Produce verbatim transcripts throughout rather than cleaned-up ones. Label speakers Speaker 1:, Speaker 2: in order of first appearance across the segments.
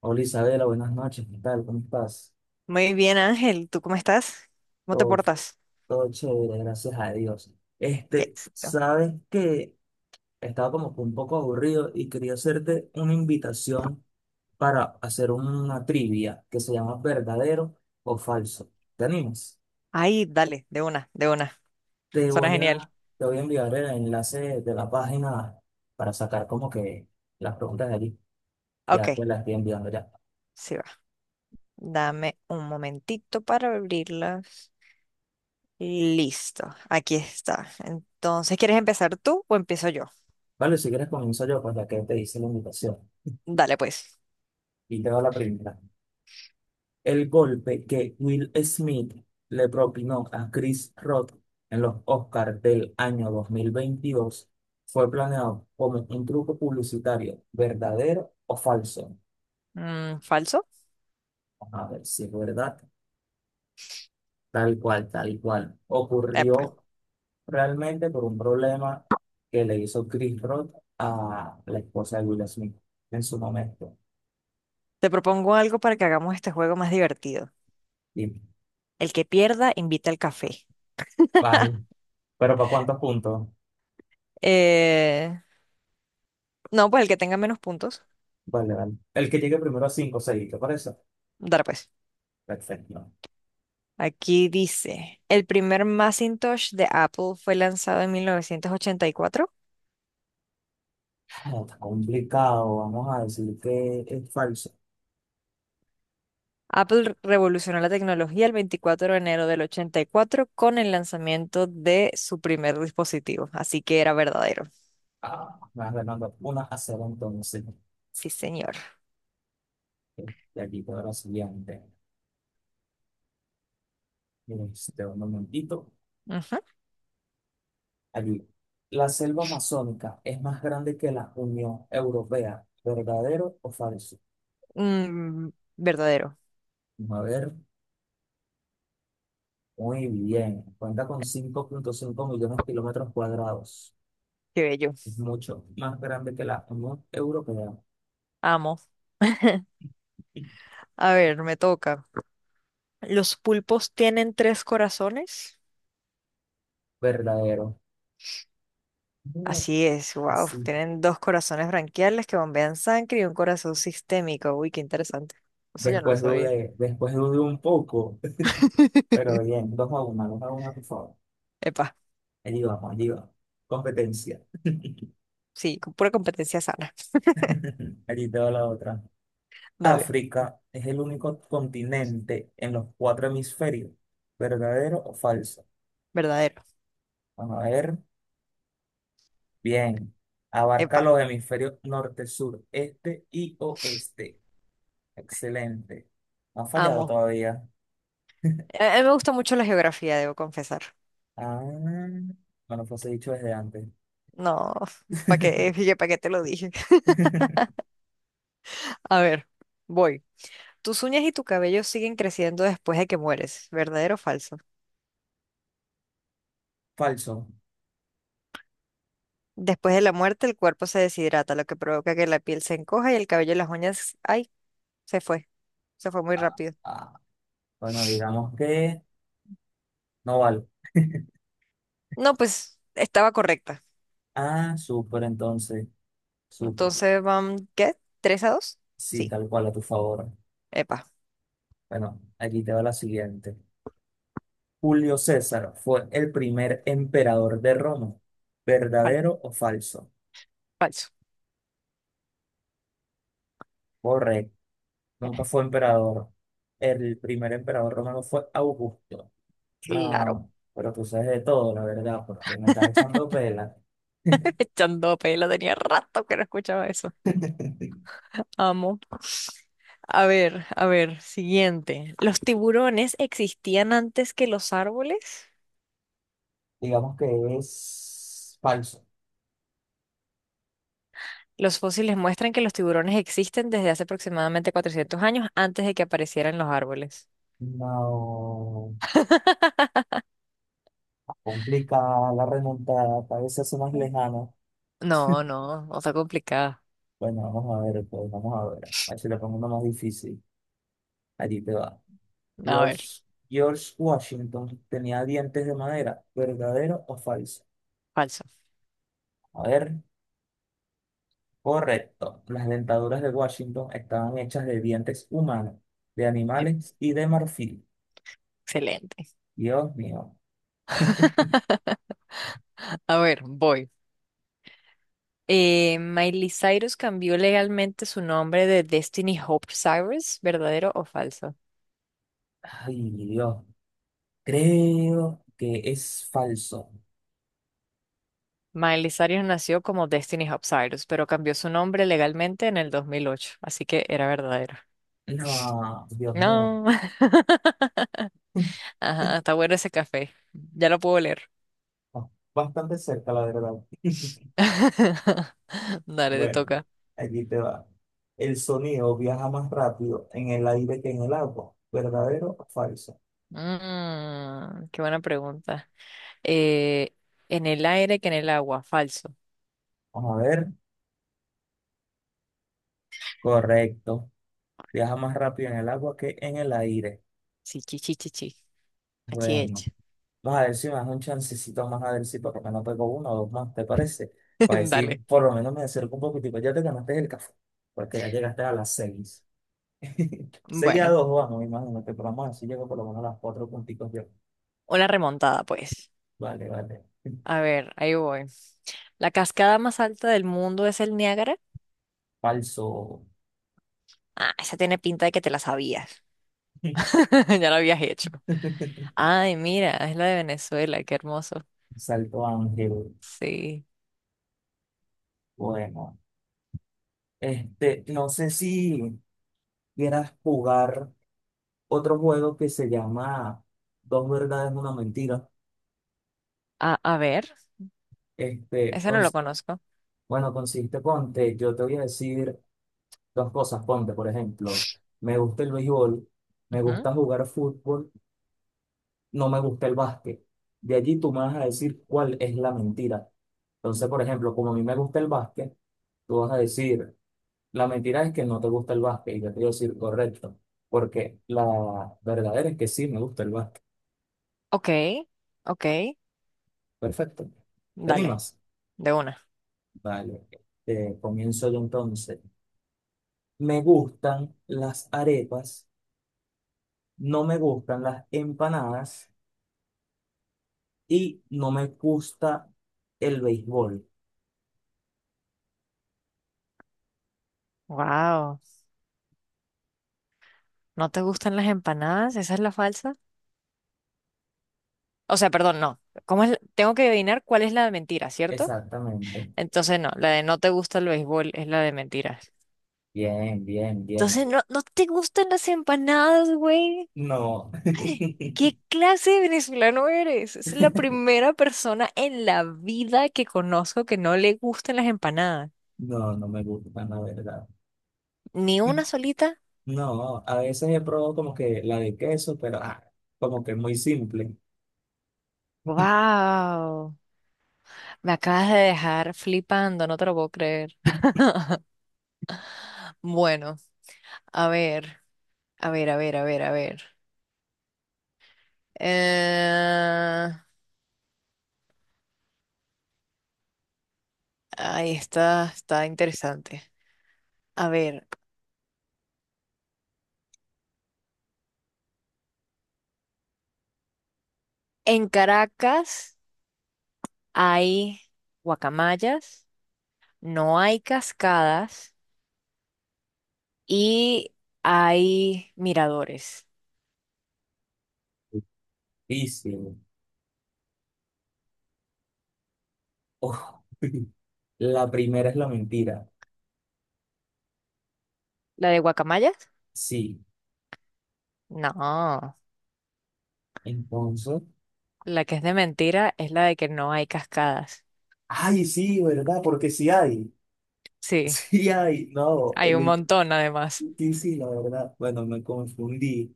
Speaker 1: Hola Isabela, buenas noches, ¿qué tal? ¿Cómo estás?
Speaker 2: Muy bien, Ángel, ¿tú cómo estás? ¿Cómo te
Speaker 1: Todo,
Speaker 2: portas?
Speaker 1: todo chévere, gracias a Dios.
Speaker 2: Qué
Speaker 1: Este,
Speaker 2: éxito.
Speaker 1: sabes que estaba como que un poco aburrido y quería hacerte una invitación para hacer una trivia que se llama verdadero o falso. ¿Te animas?
Speaker 2: Ay, dale, de una, de una.
Speaker 1: Te
Speaker 2: Suena
Speaker 1: voy
Speaker 2: genial.
Speaker 1: a, Te voy a enviar el enlace de la página para sacar como que las preguntas de allí.
Speaker 2: Ok,
Speaker 1: Ya te las estoy enviando ya.
Speaker 2: sí va. Dame un momentito para abrirlas. Listo, aquí está. Entonces, ¿quieres empezar tú o empiezo yo?
Speaker 1: Vale, si quieres comienzo yo, pues ya que te hice la invitación.
Speaker 2: Dale, pues.
Speaker 1: Y te doy la primera. El golpe que Will Smith le propinó a Chris Rock en los Oscars del año dos mil veintidós fue planeado como un truco publicitario, verdadero o falso.
Speaker 2: Mm, ¿falso?
Speaker 1: A ver si es verdad, tal cual, tal cual.
Speaker 2: Epa.
Speaker 1: Ocurrió realmente por un problema que le hizo Chris Rock a la esposa de Will Smith en su momento.
Speaker 2: Te propongo algo para que hagamos este juego más divertido.
Speaker 1: Y,
Speaker 2: El que pierda, invita al café.
Speaker 1: vale, pero ¿para cuántos puntos?
Speaker 2: Eh, no, pues el que tenga menos puntos.
Speaker 1: Vale, vale. El que llegue primero a cinco, seis, ¿te parece?
Speaker 2: Dale, pues.
Speaker 1: Perfecto.
Speaker 2: Aquí dice, el primer Macintosh de Apple fue lanzado en mil novecientos ochenta y cuatro.
Speaker 1: No, está complicado, vamos a decir que es falso.
Speaker 2: Apple revolucionó la tecnología el veinticuatro de enero del ochenta y cuatro con el lanzamiento de su primer dispositivo. Así que era verdadero.
Speaker 1: Ah, me vas ganando una a cero entonces.
Speaker 2: Sí, señor.
Speaker 1: De aquí para la siguiente. Miren, Este, un momentito.
Speaker 2: Ujú.
Speaker 1: Allí. La selva amazónica es más grande que la Unión Europea. ¿Verdadero o falso?
Speaker 2: Mm, verdadero.
Speaker 1: Vamos a ver, muy bien. Cuenta con cinco punto cinco millones de kilómetros cuadrados.
Speaker 2: Qué bello.
Speaker 1: Es mucho más grande que la Unión Europea.
Speaker 2: Amo. A ver, me toca. ¿Los pulpos tienen tres corazones?
Speaker 1: Verdadero. No,
Speaker 2: Así es, wow.
Speaker 1: así.
Speaker 2: Tienen dos corazones branquiales que bombean sangre y un corazón sistémico. Uy, qué interesante. Eso ya no lo
Speaker 1: Después
Speaker 2: sabía.
Speaker 1: dudé, después dudé un poco. Pero bien, dos a una, dos a una, por favor.
Speaker 2: Epa,
Speaker 1: Allí vamos, allí vamos. Competencia.
Speaker 2: sí, con pura competencia sana.
Speaker 1: Allí te va la otra.
Speaker 2: Dale,
Speaker 1: África es el único continente en los cuatro hemisferios. ¿Verdadero o falso?
Speaker 2: verdadero.
Speaker 1: Vamos a ver. Bien. Abarca
Speaker 2: Epa,
Speaker 1: los hemisferios norte, sur, este y oeste. Excelente. No ha fallado
Speaker 2: amo.
Speaker 1: todavía.
Speaker 2: A a mí me gusta mucho la geografía, debo confesar.
Speaker 1: Ah, bueno, pues he dicho desde antes.
Speaker 2: No, ¿para qué? ¿Para qué te lo dije? A ver, voy. Tus uñas y tu cabello siguen creciendo después de que mueres, ¿verdadero o falso?
Speaker 1: Falso.
Speaker 2: Después de la muerte, el cuerpo se deshidrata, lo que provoca que la piel se encoja y el cabello y las uñas, ay, se fue, se fue muy
Speaker 1: Ah,
Speaker 2: rápido.
Speaker 1: ah. Bueno, digamos que no vale.
Speaker 2: No, pues estaba correcta.
Speaker 1: Ah, súper, entonces, súper.
Speaker 2: Entonces van, ¿qué? ¿Tres a dos?
Speaker 1: Sí,
Speaker 2: Sí,
Speaker 1: tal cual, a tu favor.
Speaker 2: epa,
Speaker 1: Bueno, aquí te va la siguiente. Julio César fue el primer emperador de Roma.
Speaker 2: fal-
Speaker 1: ¿Verdadero o falso?
Speaker 2: falso.
Speaker 1: Correcto. Nunca fue emperador. El primer emperador romano fue Augusto.
Speaker 2: Claro,
Speaker 1: No, pero tú sabes de todo, la verdad, porque me estás echando pela.
Speaker 2: echando pelo, tenía rato que no escuchaba eso. Amo. A ver, a ver, siguiente. ¿Los tiburones existían antes que los árboles?
Speaker 1: Digamos que es falso.
Speaker 2: Los fósiles muestran que los tiburones existen desde hace aproximadamente cuatrocientos años antes de que aparecieran los árboles.
Speaker 1: No. Complicada la remontada, cada vez se hace más lejana.
Speaker 2: No, no, no está complicada.
Speaker 1: Bueno, vamos a ver, pues vamos a ver. A ver si le pongo uno más difícil. Allí te va.
Speaker 2: A ver,
Speaker 1: George, George Washington tenía dientes de madera, ¿verdadero o falso?
Speaker 2: falso.
Speaker 1: A ver, correcto. Las dentaduras de Washington estaban hechas de dientes humanos, de
Speaker 2: Eh,
Speaker 1: animales y de marfil.
Speaker 2: Excelente.
Speaker 1: Dios mío.
Speaker 2: A ver, voy. Eh, Miley Cyrus cambió legalmente su nombre de Destiny Hope Cyrus, ¿verdadero o falso?
Speaker 1: Ay, Dios. Creo que es falso.
Speaker 2: Miley Cyrus nació como Destiny Hopsirus, pero cambió su nombre legalmente en el dos mil ocho, así que era verdadera.
Speaker 1: No, Dios mío.
Speaker 2: No, ajá, está bueno ese café. Ya lo puedo leer.
Speaker 1: Ah, bastante cerca, la verdad.
Speaker 2: Dale, te
Speaker 1: Bueno,
Speaker 2: toca.
Speaker 1: allí te va. El sonido viaja más rápido en el aire que en el agua. ¿Verdadero o falso?
Speaker 2: Mm, qué buena pregunta. Eh, en el aire que en el agua, falso.
Speaker 1: Vamos a ver. Correcto. Viaja más rápido en el agua que en el aire.
Speaker 2: Sí, chi, chi, chi, chi.
Speaker 1: Bueno,
Speaker 2: Achich.
Speaker 1: vamos a ver si me das un chancecito más a ver si por lo menos pego uno o dos más, ¿te parece? Para decir,
Speaker 2: Dale.
Speaker 1: por lo menos me acerco un poquitico. Ya te ganaste el café, porque ya llegaste a las seis. Seis a
Speaker 2: Bueno,
Speaker 1: dos, vamos, imagínate, pero vamos a ver si llego por lo menos a las cuatro puntitos yo.
Speaker 2: una remontada, pues.
Speaker 1: Vale, vale.
Speaker 2: A ver, ahí voy. ¿La cascada más alta del mundo es el Niágara?
Speaker 1: Falso.
Speaker 2: Ah, esa tiene pinta de que te la sabías. Ya lo habías hecho. Ay, mira, es la de Venezuela, qué hermoso.
Speaker 1: Salto Ángel.
Speaker 2: Sí.
Speaker 1: Bueno, este, no sé si quieras jugar otro juego que se llama Dos verdades, una mentira.
Speaker 2: A, a ver,
Speaker 1: Este,
Speaker 2: ese no lo
Speaker 1: cons-
Speaker 2: conozco.
Speaker 1: bueno, consiste, ponte, yo te voy a decir dos cosas, ponte, por ejemplo, me gusta el béisbol, me
Speaker 2: Ujú.
Speaker 1: gusta jugar fútbol, no me gusta el básquet. De allí tú me vas a decir cuál es la mentira. Entonces, por ejemplo, como a mí me gusta el básquet, tú vas a decir... La mentira es que no te gusta el básquet, y yo te digo decir correcto, porque la verdadera es que sí me gusta el básquet.
Speaker 2: Ok, ok,
Speaker 1: Perfecto. ¿Te
Speaker 2: dale,
Speaker 1: animas?
Speaker 2: de una.
Speaker 1: Vale. Este, comienzo yo entonces. Me gustan las arepas, no me gustan las empanadas y no me gusta el béisbol.
Speaker 2: Wow, ¿no te gustan las empanadas? ¿Esa es la falsa? O sea, perdón, no. ¿Cómo es? La- tengo que adivinar cuál es la de mentira, ¿cierto?
Speaker 1: Exactamente.
Speaker 2: Entonces no, la de no te gusta el béisbol es la de mentiras.
Speaker 1: Bien, bien, bien.
Speaker 2: Entonces no, no te gustan las empanadas, güey.
Speaker 1: No,
Speaker 2: ¿Qué clase de venezolano eres? Es la primera persona en la vida que conozco que no le gusten las empanadas.
Speaker 1: no, no me gustan, la verdad.
Speaker 2: ¿Ni una solita?
Speaker 1: No, a veces he probado como que la de queso, pero ah, como que muy simple.
Speaker 2: ¡Wow! Me acabas de dejar flipando, no te lo puedo creer. Bueno, a ver, a ver, a ver, a ver, a ver. Eh, Ahí está, está interesante. A ver, en Caracas hay guacamayas, no hay cascadas. Y hay miradores.
Speaker 1: Difícil. Uf. La primera es la mentira.
Speaker 2: ¿La de guacamayas?
Speaker 1: Sí.
Speaker 2: No,
Speaker 1: Entonces.
Speaker 2: la que es de mentira es la de que no hay cascadas.
Speaker 1: Ay, sí, ¿verdad? Porque sí hay.
Speaker 2: Sí,
Speaker 1: Sí hay. No,
Speaker 2: hay un
Speaker 1: el-
Speaker 2: montón además.
Speaker 1: sí, sí, la verdad. Bueno, me confundí.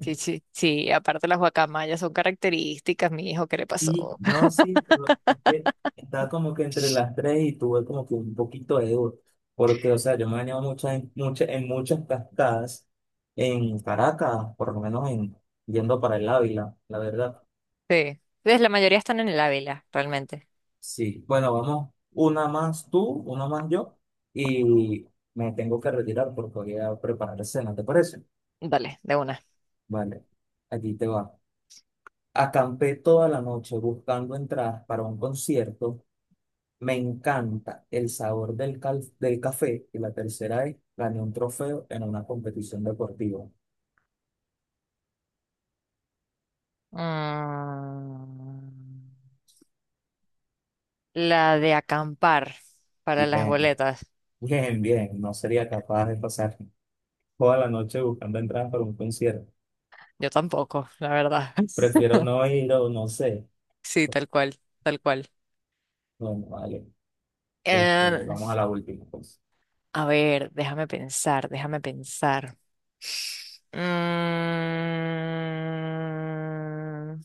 Speaker 2: Sí, sí, sí, aparte las guacamayas son características, mi hijo, ¿qué le
Speaker 1: Sí,
Speaker 2: pasó?
Speaker 1: no, sí, pero es que estaba como que entre las tres y tuve como que un poquito de duda, porque, o sea, yo me he bañado muchas, en, muchas, en muchas cascadas en Caracas, por lo menos en, yendo para el Ávila, la verdad.
Speaker 2: Sí, pues la mayoría están en el Ávila, realmente.
Speaker 1: Sí, bueno, vamos, una más tú, una más yo, y me tengo que retirar porque voy a preparar cena, ¿te parece?
Speaker 2: Dale, de una.
Speaker 1: Vale, aquí te va. Acampé toda la noche buscando entradas para un concierto. Me encanta el sabor del, cal- del café y la tercera es gané un trofeo en una competición deportiva.
Speaker 2: Mm, la de acampar para las
Speaker 1: Bien,
Speaker 2: boletas.
Speaker 1: bien, bien. No sería capaz de pasar toda la noche buscando entradas para un concierto.
Speaker 2: Yo tampoco, la verdad.
Speaker 1: Prefiero no ir o no sé.
Speaker 2: Sí, tal cual, tal cual.
Speaker 1: Bueno, vale. Este,
Speaker 2: Eh,
Speaker 1: vamos a la última pues.
Speaker 2: A ver, déjame pensar, déjame pensar. Mm,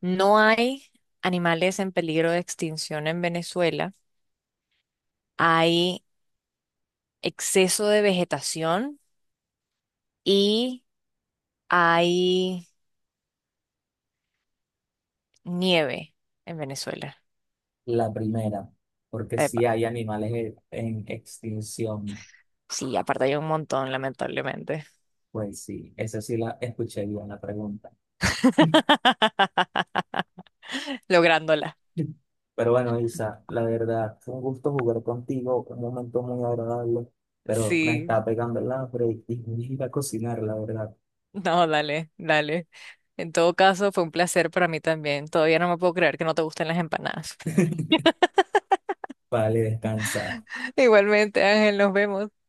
Speaker 2: no hay animales en peligro de extinción en Venezuela. Hay exceso de vegetación y hay nieve en Venezuela.
Speaker 1: La primera, porque
Speaker 2: Epa,
Speaker 1: si hay animales en en extinción.
Speaker 2: sí, aparte hay un montón, lamentablemente.
Speaker 1: Pues sí, esa sí la escuché bien la pregunta.
Speaker 2: Lográndola.
Speaker 1: Pero bueno, Isa, la verdad, fue un gusto jugar contigo, un momento muy agradable, pero me
Speaker 2: Sí.
Speaker 1: está pegando el hambre y y voy a ir a cocinar, la verdad.
Speaker 2: No, dale, dale. En todo caso, fue un placer para mí también. Todavía no me puedo creer que no te gusten las empanadas.
Speaker 1: Vale, descansa.
Speaker 2: Igualmente, Ángel, nos vemos.